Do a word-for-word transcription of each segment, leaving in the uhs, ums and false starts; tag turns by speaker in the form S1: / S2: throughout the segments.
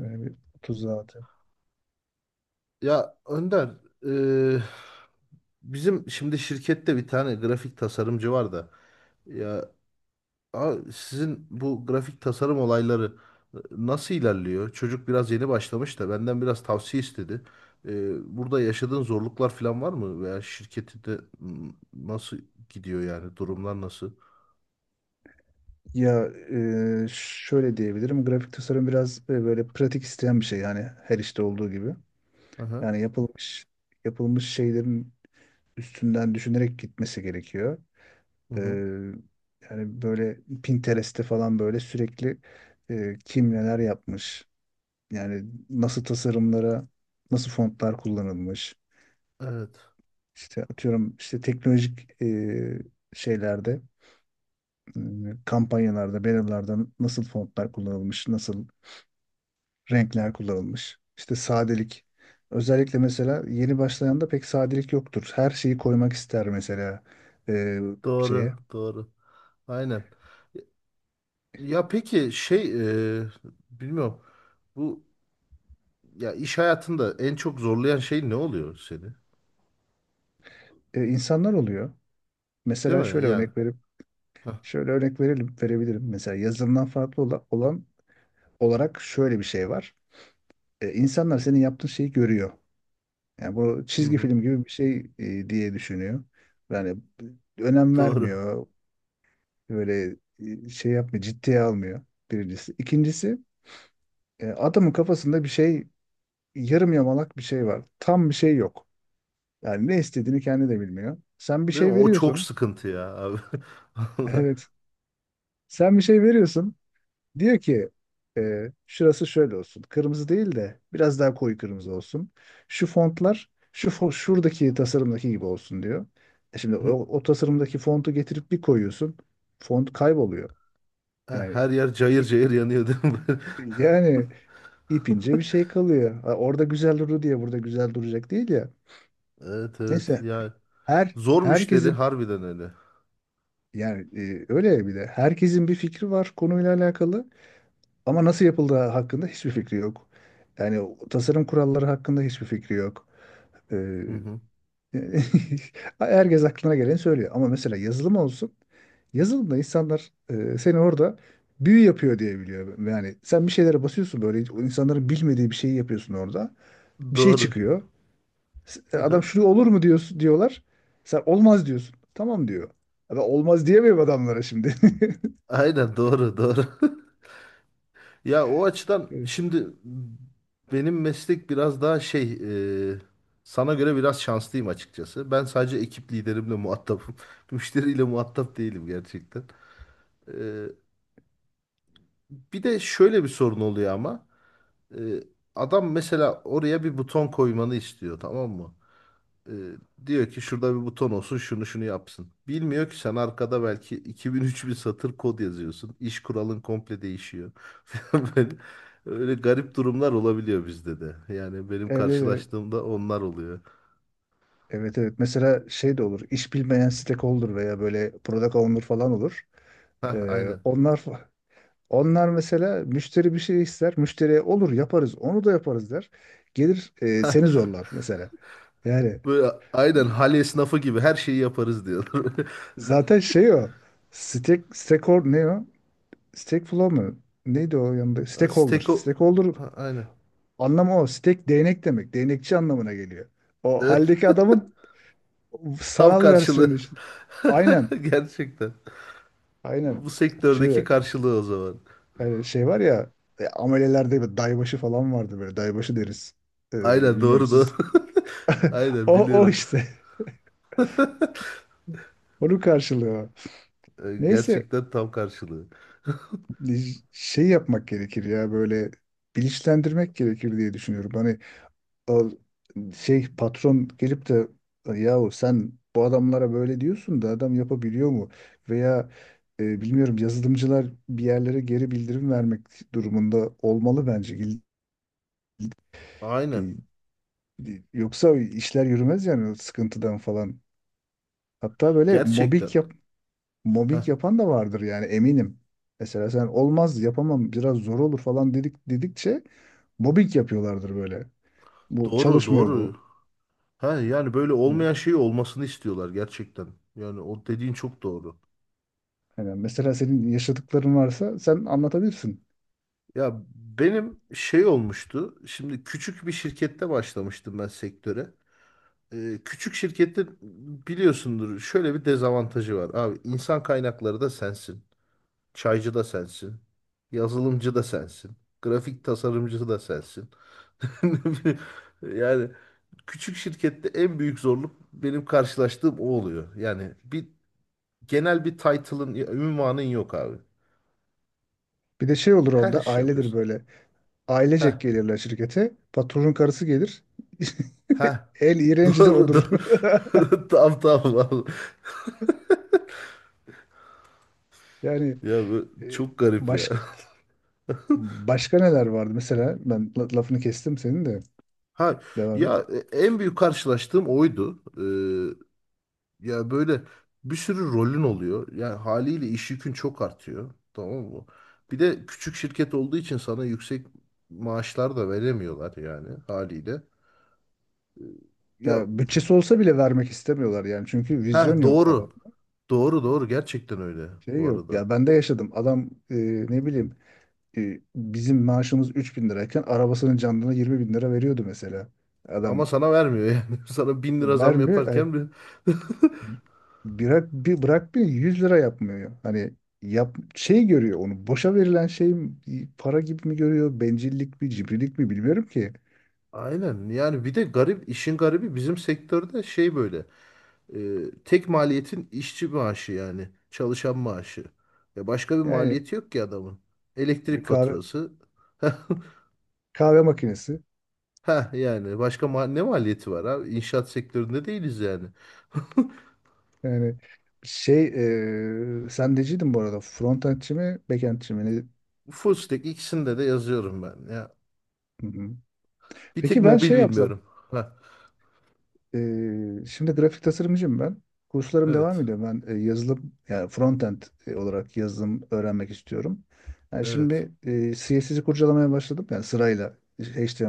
S1: Böyle bir otuz zaten.
S2: Ya Önder, eee, bizim şimdi şirkette bir tane grafik tasarımcı var da ya a- sizin bu grafik tasarım olayları e, nasıl ilerliyor? Çocuk biraz yeni başlamış da benden biraz tavsiye istedi. Eee, burada yaşadığın zorluklar falan var mı? Veya şirketinde m, nasıl gidiyor yani? Durumlar nasıl?
S1: Ya e, şöyle diyebilirim. Grafik tasarım biraz e, böyle pratik isteyen bir şey, yani her işte olduğu gibi.
S2: Aha,
S1: Yani yapılmış yapılmış şeylerin üstünden düşünerek gitmesi gerekiyor.
S2: hı
S1: E,
S2: hı.
S1: yani böyle Pinterest'te falan böyle sürekli e, kim neler yapmış. Yani nasıl tasarımlara, nasıl fontlar kullanılmış.
S2: Evet.
S1: İşte atıyorum, işte teknolojik e, şeylerde, e, kampanyalarda, bannerlarda nasıl fontlar kullanılmış, nasıl renkler kullanılmış. İşte sadelik. Özellikle mesela yeni başlayanda pek sadelik yoktur. Her şeyi koymak ister mesela e, şeye.
S2: Doğru, doğru. Aynen. Ya peki şey eee bilmiyorum. Bu, ya iş hayatında en çok zorlayan şey ne oluyor seni?
S1: E, insanlar oluyor.
S2: Değil
S1: Mesela
S2: mi?
S1: şöyle
S2: Yani.
S1: örnek verip
S2: Hah,
S1: şöyle örnek verelim, verebilirim. Mesela yazılımdan farklı ola- olan olarak şöyle bir şey var. E, insanlar senin yaptığın şeyi görüyor. Yani bu
S2: hı
S1: çizgi
S2: hı.
S1: film gibi bir şey e, diye düşünüyor. Yani önem
S2: Doğru.
S1: vermiyor. Böyle e, şey yapmıyor, ciddiye almıyor birincisi. İkincisi, e, adamın kafasında bir şey, yarım yamalak bir şey var. Tam bir şey yok. Yani ne istediğini kendi de bilmiyor. Sen bir
S2: Değil mi?
S1: şey
S2: O çok
S1: veriyorsun.
S2: sıkıntı ya abi. Vallahi.
S1: Evet. Sen bir şey veriyorsun. Diyor ki e, şurası şöyle olsun. Kırmızı değil de biraz daha koyu kırmızı olsun. Şu fontlar şu fo- şuradaki tasarımdaki gibi olsun diyor. E şimdi o, o tasarımdaki fontu getirip bir koyuyorsun. Font kayboluyor.
S2: Ha,
S1: Yani
S2: her yer cayır cayır yanıyor değil mi?
S1: yani ipince bir şey kalıyor. Ha, orada güzel durdu diye burada güzel duracak değil ya.
S2: Evet evet.
S1: Neyse,
S2: Ya
S1: her
S2: zor müşteri
S1: herkesin,
S2: harbiden öyle.
S1: yani e, öyle ya, bir de herkesin bir fikri var konuyla alakalı, ama nasıl yapıldığı hakkında hiçbir fikri yok. Yani o tasarım kuralları hakkında hiçbir fikri yok. Ee,
S2: Hı hı.
S1: Herkes aklına geleni söylüyor, ama mesela yazılım olsun. Yazılımda insanlar e, seni orada büyü yapıyor diye biliyor. Yani sen bir şeylere basıyorsun, böyle insanların bilmediği bir şeyi yapıyorsun orada. Bir şey
S2: Doğru.
S1: çıkıyor. Adam, şunu olur mu diyorsun diyorlar. Sen olmaz diyorsun. Tamam diyor. Adam, olmaz diyemiyorum adamlara şimdi.
S2: Aynen doğru doğru. Ya o açıdan
S1: Evet.
S2: şimdi benim meslek biraz daha şey, e, sana göre biraz şanslıyım açıkçası. Ben sadece ekip liderimle muhatapım. Müşteriyle muhatap değilim gerçekten. E, bir de şöyle bir sorun oluyor ama. E, adam mesela oraya bir buton koymanı istiyor, tamam mı? Ee, Diyor ki şurada bir buton olsun, şunu şunu yapsın. Bilmiyor ki sen arkada belki iki bin-üç bin satır kod yazıyorsun. İş kuralın komple değişiyor. Falan böyle, öyle garip durumlar olabiliyor bizde de. Yani benim
S1: Evde de,
S2: karşılaştığımda onlar oluyor.
S1: evet evet. Mesela şey de olur. İş bilmeyen stakeholder veya böyle product owner falan olur.
S2: Hah,
S1: Ee,
S2: aynen.
S1: onlar onlar mesela, müşteri bir şey ister. Müşteriye olur, yaparız. Onu da yaparız der. Gelir, e, seni
S2: Hah,
S1: zorlar mesela. Yani
S2: böyle
S1: e,
S2: aynen hal esnafı gibi her şeyi yaparız diyorlar.
S1: zaten şey o. Stake, stakeholder ne o? Stake flow mu? Neydi o yanında? Stakeholder.
S2: Steko...
S1: Stakeholder
S2: Ha, aynen.
S1: anlamı o. Steak değnek demek. Değnekçi anlamına geliyor. O haldeki adamın
S2: Tam
S1: sanal
S2: karşılığı.
S1: versiyonu işte. Aynen.
S2: Gerçekten.
S1: Aynen.
S2: Bu sektördeki
S1: Şu
S2: karşılığı o zaman.
S1: e, şey var ya, e, amelelerde bir daybaşı falan vardı böyle. Daybaşı deriz. E,
S2: Aynen
S1: bilmiyorum
S2: doğru doğru.
S1: siz.
S2: Aynen
S1: O, o
S2: biliyorum.
S1: işte. Onu karşılıyor.
S2: E,
S1: Neyse,
S2: gerçekten tam karşılığı.
S1: şey yapmak gerekir ya, böyle bilinçlendirmek gerekir diye düşünüyorum. Hani şey, patron gelip de yahu sen bu adamlara böyle diyorsun da adam yapabiliyor mu? Veya e, bilmiyorum, yazılımcılar bir yerlere geri bildirim vermek durumunda olmalı bence. İl-
S2: Aynen.
S1: il- e, Yoksa işler yürümez yani, o sıkıntıdan falan. Hatta böyle
S2: Gerçekten.
S1: mobbing yap
S2: Heh.
S1: mobbing yapan da vardır yani, eminim. Mesela sen olmaz, yapamam, biraz zor olur falan dedik dedikçe mobbing yapıyorlardır böyle. Bu
S2: Doğru,
S1: çalışmıyor
S2: doğru.
S1: bu.
S2: Ha, yani böyle olmayan şey olmasını istiyorlar gerçekten. Yani o dediğin çok doğru.
S1: Yani mesela senin yaşadıkların varsa sen anlatabilirsin.
S2: Ya benim şey olmuştu. Şimdi küçük bir şirkette başlamıştım ben sektöre. Ee, küçük şirkette biliyorsundur şöyle bir dezavantajı var. Abi insan kaynakları da sensin. Çaycı da sensin. Yazılımcı da sensin. Grafik tasarımcısı da sensin. Yani küçük şirkette en büyük zorluk benim karşılaştığım o oluyor. Yani bir genel bir title'ın, ünvanın yok abi.
S1: Bir de şey olur
S2: Her
S1: onda,
S2: iş
S1: ailedir
S2: yapıyorsun.
S1: böyle.
S2: Heh,
S1: Ailecek gelirler şirkete. Patronun karısı gelir.
S2: heh.
S1: El iğrenci de
S2: Doğru,
S1: odur.
S2: doğru. Tamam, tamam abi.
S1: Yani
S2: Ya bu
S1: e,
S2: çok garip ya.
S1: başka başka neler vardı? Mesela ben la- lafını kestim senin de.
S2: Ha,
S1: Devam et.
S2: ya e, en büyük karşılaştığım oydu. Ee, Ya böyle bir sürü rolün oluyor. Yani haliyle iş yükün çok artıyor. Tamam mı? Bir de küçük şirket olduğu için sana yüksek maaşlar da veremiyorlar yani haliyle. Ee, Ya
S1: Ya bütçesi olsa bile vermek istemiyorlar yani. Çünkü
S2: ha,
S1: vizyon yok adam.
S2: doğru. Doğru doğru, gerçekten öyle
S1: Şey
S2: bu
S1: yok.
S2: arada.
S1: Ya ben de yaşadım. Adam e, ne bileyim, e, bizim maaşımız üç bin lirayken arabasının canlına yirmi bin lira veriyordu mesela.
S2: Ama
S1: Adam
S2: sana vermiyor yani. Sana bin lira zam
S1: vermiyor. Yani
S2: yaparken bir...
S1: bırak, bir bırakmıyor, yüz lira yapmıyor. Hani yap, şey görüyor, onu boşa verilen şey mi, para gibi mi görüyor, bencillik mi, cimrilik mi, bilmiyorum ki.
S2: Aynen yani bir de garip işin garibi bizim sektörde şey böyle. Ee, Tek maliyetin işçi maaşı yani. Çalışan maaşı. Ya başka bir
S1: Yani
S2: maliyeti yok ki adamın.
S1: bir
S2: Elektrik
S1: kahve
S2: faturası.
S1: kahve makinesi,
S2: Ha yani başka ma ne maliyeti var abi? İnşaat sektöründe değiliz yani.
S1: yani şey, e, sen neciydin bu arada, frontendçi mi, backendçi mi? Ne-
S2: Full stack, ikisinde de yazıyorum ben ya.
S1: Hı hı.
S2: Bir tek
S1: Peki ben
S2: mobil
S1: şey yapsam,
S2: bilmiyorum. Ha
S1: Ee, şimdi grafik tasarımcıyım ben. Kurslarım devam
S2: evet.
S1: ediyor. Ben e, yazılım, yani frontend e, olarak yazılım öğrenmek istiyorum. Yani
S2: Evet.
S1: şimdi e, C S S'yi kurcalamaya başladım. Yani sırayla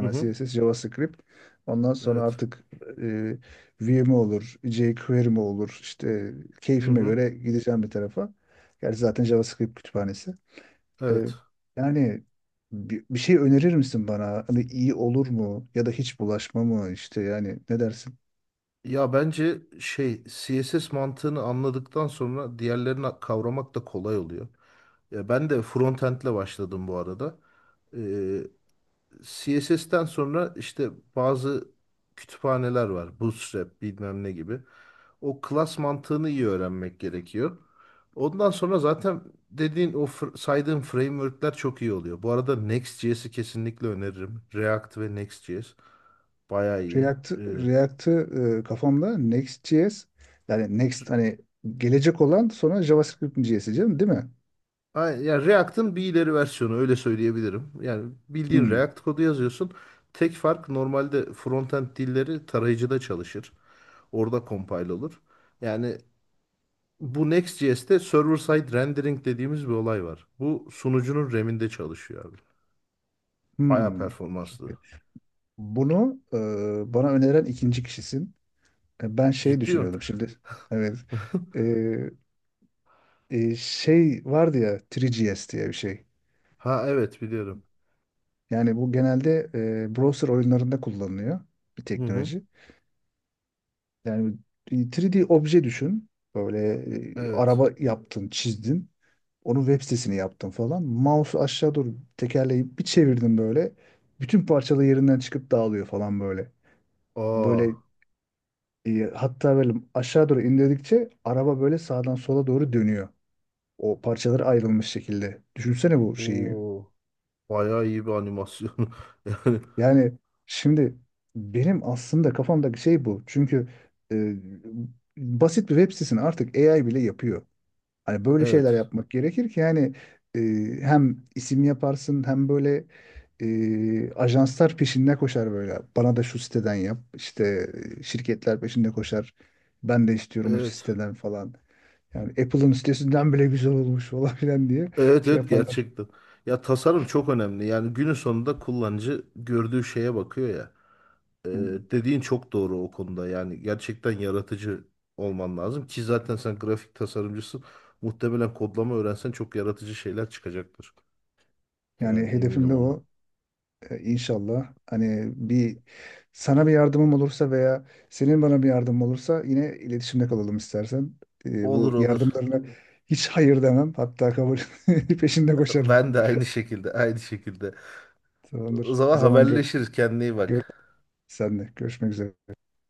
S2: Hı hı.
S1: C S S, JavaScript. Ondan sonra
S2: Evet.
S1: artık e, Vue mi olur, jQuery mi olur işte,
S2: Hı
S1: keyfime
S2: hı.
S1: göre gideceğim bir tarafa. Gerçi zaten JavaScript kütüphanesi. E,
S2: Evet.
S1: yani bir, bir şey önerir misin bana? Hani iyi olur mu? Ya da hiç bulaşma mı? İşte yani, ne dersin?
S2: Ya bence şey, CSS mantığını anladıktan sonra diğerlerini kavramak da kolay oluyor. Ya ben de frontend'le başladım bu arada. Ee, S E'ten sonra işte bazı kütüphaneler var. Bootstrap bilmem ne gibi. O class mantığını iyi öğrenmek gerekiyor. Ondan sonra zaten dediğin o fr- saydığın framework'ler çok iyi oluyor. Bu arada Next.js'i kesinlikle öneririm. React ve Next.js bayağı iyi.
S1: React, React'ı e, kafamda Next.js, yani Next, hani gelecek olan, sonra JavaScript J S'yi canım, değil mi?
S2: Ay- Yani React'ın bir ileri versiyonu, öyle söyleyebilirim. Yani bildiğin
S1: Hmm,
S2: React kodu yazıyorsun. Tek fark, normalde frontend dilleri tarayıcıda çalışır. Orada compile olur. Yani bu Next.js'te server side rendering dediğimiz bir olay var. Bu sunucunun RAM'inde çalışıyor abi. Bayağı
S1: hmm. Çok
S2: performanslı.
S1: iyi. Bunu e, bana öneren ikinci kişisin. E, ben şey
S2: Ciddi mi?
S1: düşünüyordum şimdi. Evet. E, e, şey vardı ya, üç G S diye bir şey.
S2: Ha evet biliyorum.
S1: Yani bu genelde e, browser oyunlarında kullanılıyor bir
S2: Hı hı.
S1: teknoloji. Yani üç D obje düşün. Böyle e,
S2: Evet.
S1: araba yaptın, çizdin. Onun web sitesini yaptım falan. Mouse'u aşağı doğru tekerleyip bir çevirdim böyle. Bütün parçalı yerinden çıkıp dağılıyor falan böyle.
S2: Aa,
S1: Böyle e, hatta böyle aşağı doğru indirdikçe araba böyle sağdan sola doğru dönüyor. O parçaları ayrılmış şekilde. Düşünsene bu şeyi.
S2: o bayağı iyi bir animasyon. Yani
S1: Yani şimdi benim aslında kafamdaki şey bu. Çünkü e, basit bir web sitesini artık A I bile yapıyor. Hani böyle şeyler
S2: evet.
S1: yapmak gerekir ki, yani e, hem isim yaparsın, hem böyle e, ajanslar peşinde koşar böyle. Bana da şu siteden yap. İşte e, şirketler peşinde koşar. Ben de istiyorum o
S2: Evet.
S1: siteden falan. Yani Apple'ın sitesinden bile güzel olmuş falan filan diye
S2: Evet
S1: şey
S2: evet
S1: yaparlar.
S2: gerçekten. Ya tasarım çok önemli. Yani günün sonunda kullanıcı gördüğü şeye bakıyor ya. Ee,
S1: Hı.
S2: Dediğin çok doğru o konuda. Yani gerçekten yaratıcı olman lazım ki zaten sen grafik tasarımcısın. Muhtemelen kodlama öğrensen çok yaratıcı şeyler çıkacaktır.
S1: Yani
S2: Yani eminim
S1: hedefim de
S2: ona.
S1: o. E, İnşallah hani bir, sana bir yardımım olursa veya senin bana bir yardımın olursa yine iletişimde kalalım istersen. E,
S2: Olur
S1: bu
S2: olur.
S1: yardımlarına hiç hayır demem. Hatta kabul peşinde koşarım.
S2: Ben de aynı şekilde, aynı şekilde. O
S1: Tamamdır. O
S2: zaman
S1: zaman gör,
S2: haberleşiriz. Kendine iyi
S1: gör
S2: bak.
S1: senle. Görüşmek üzere.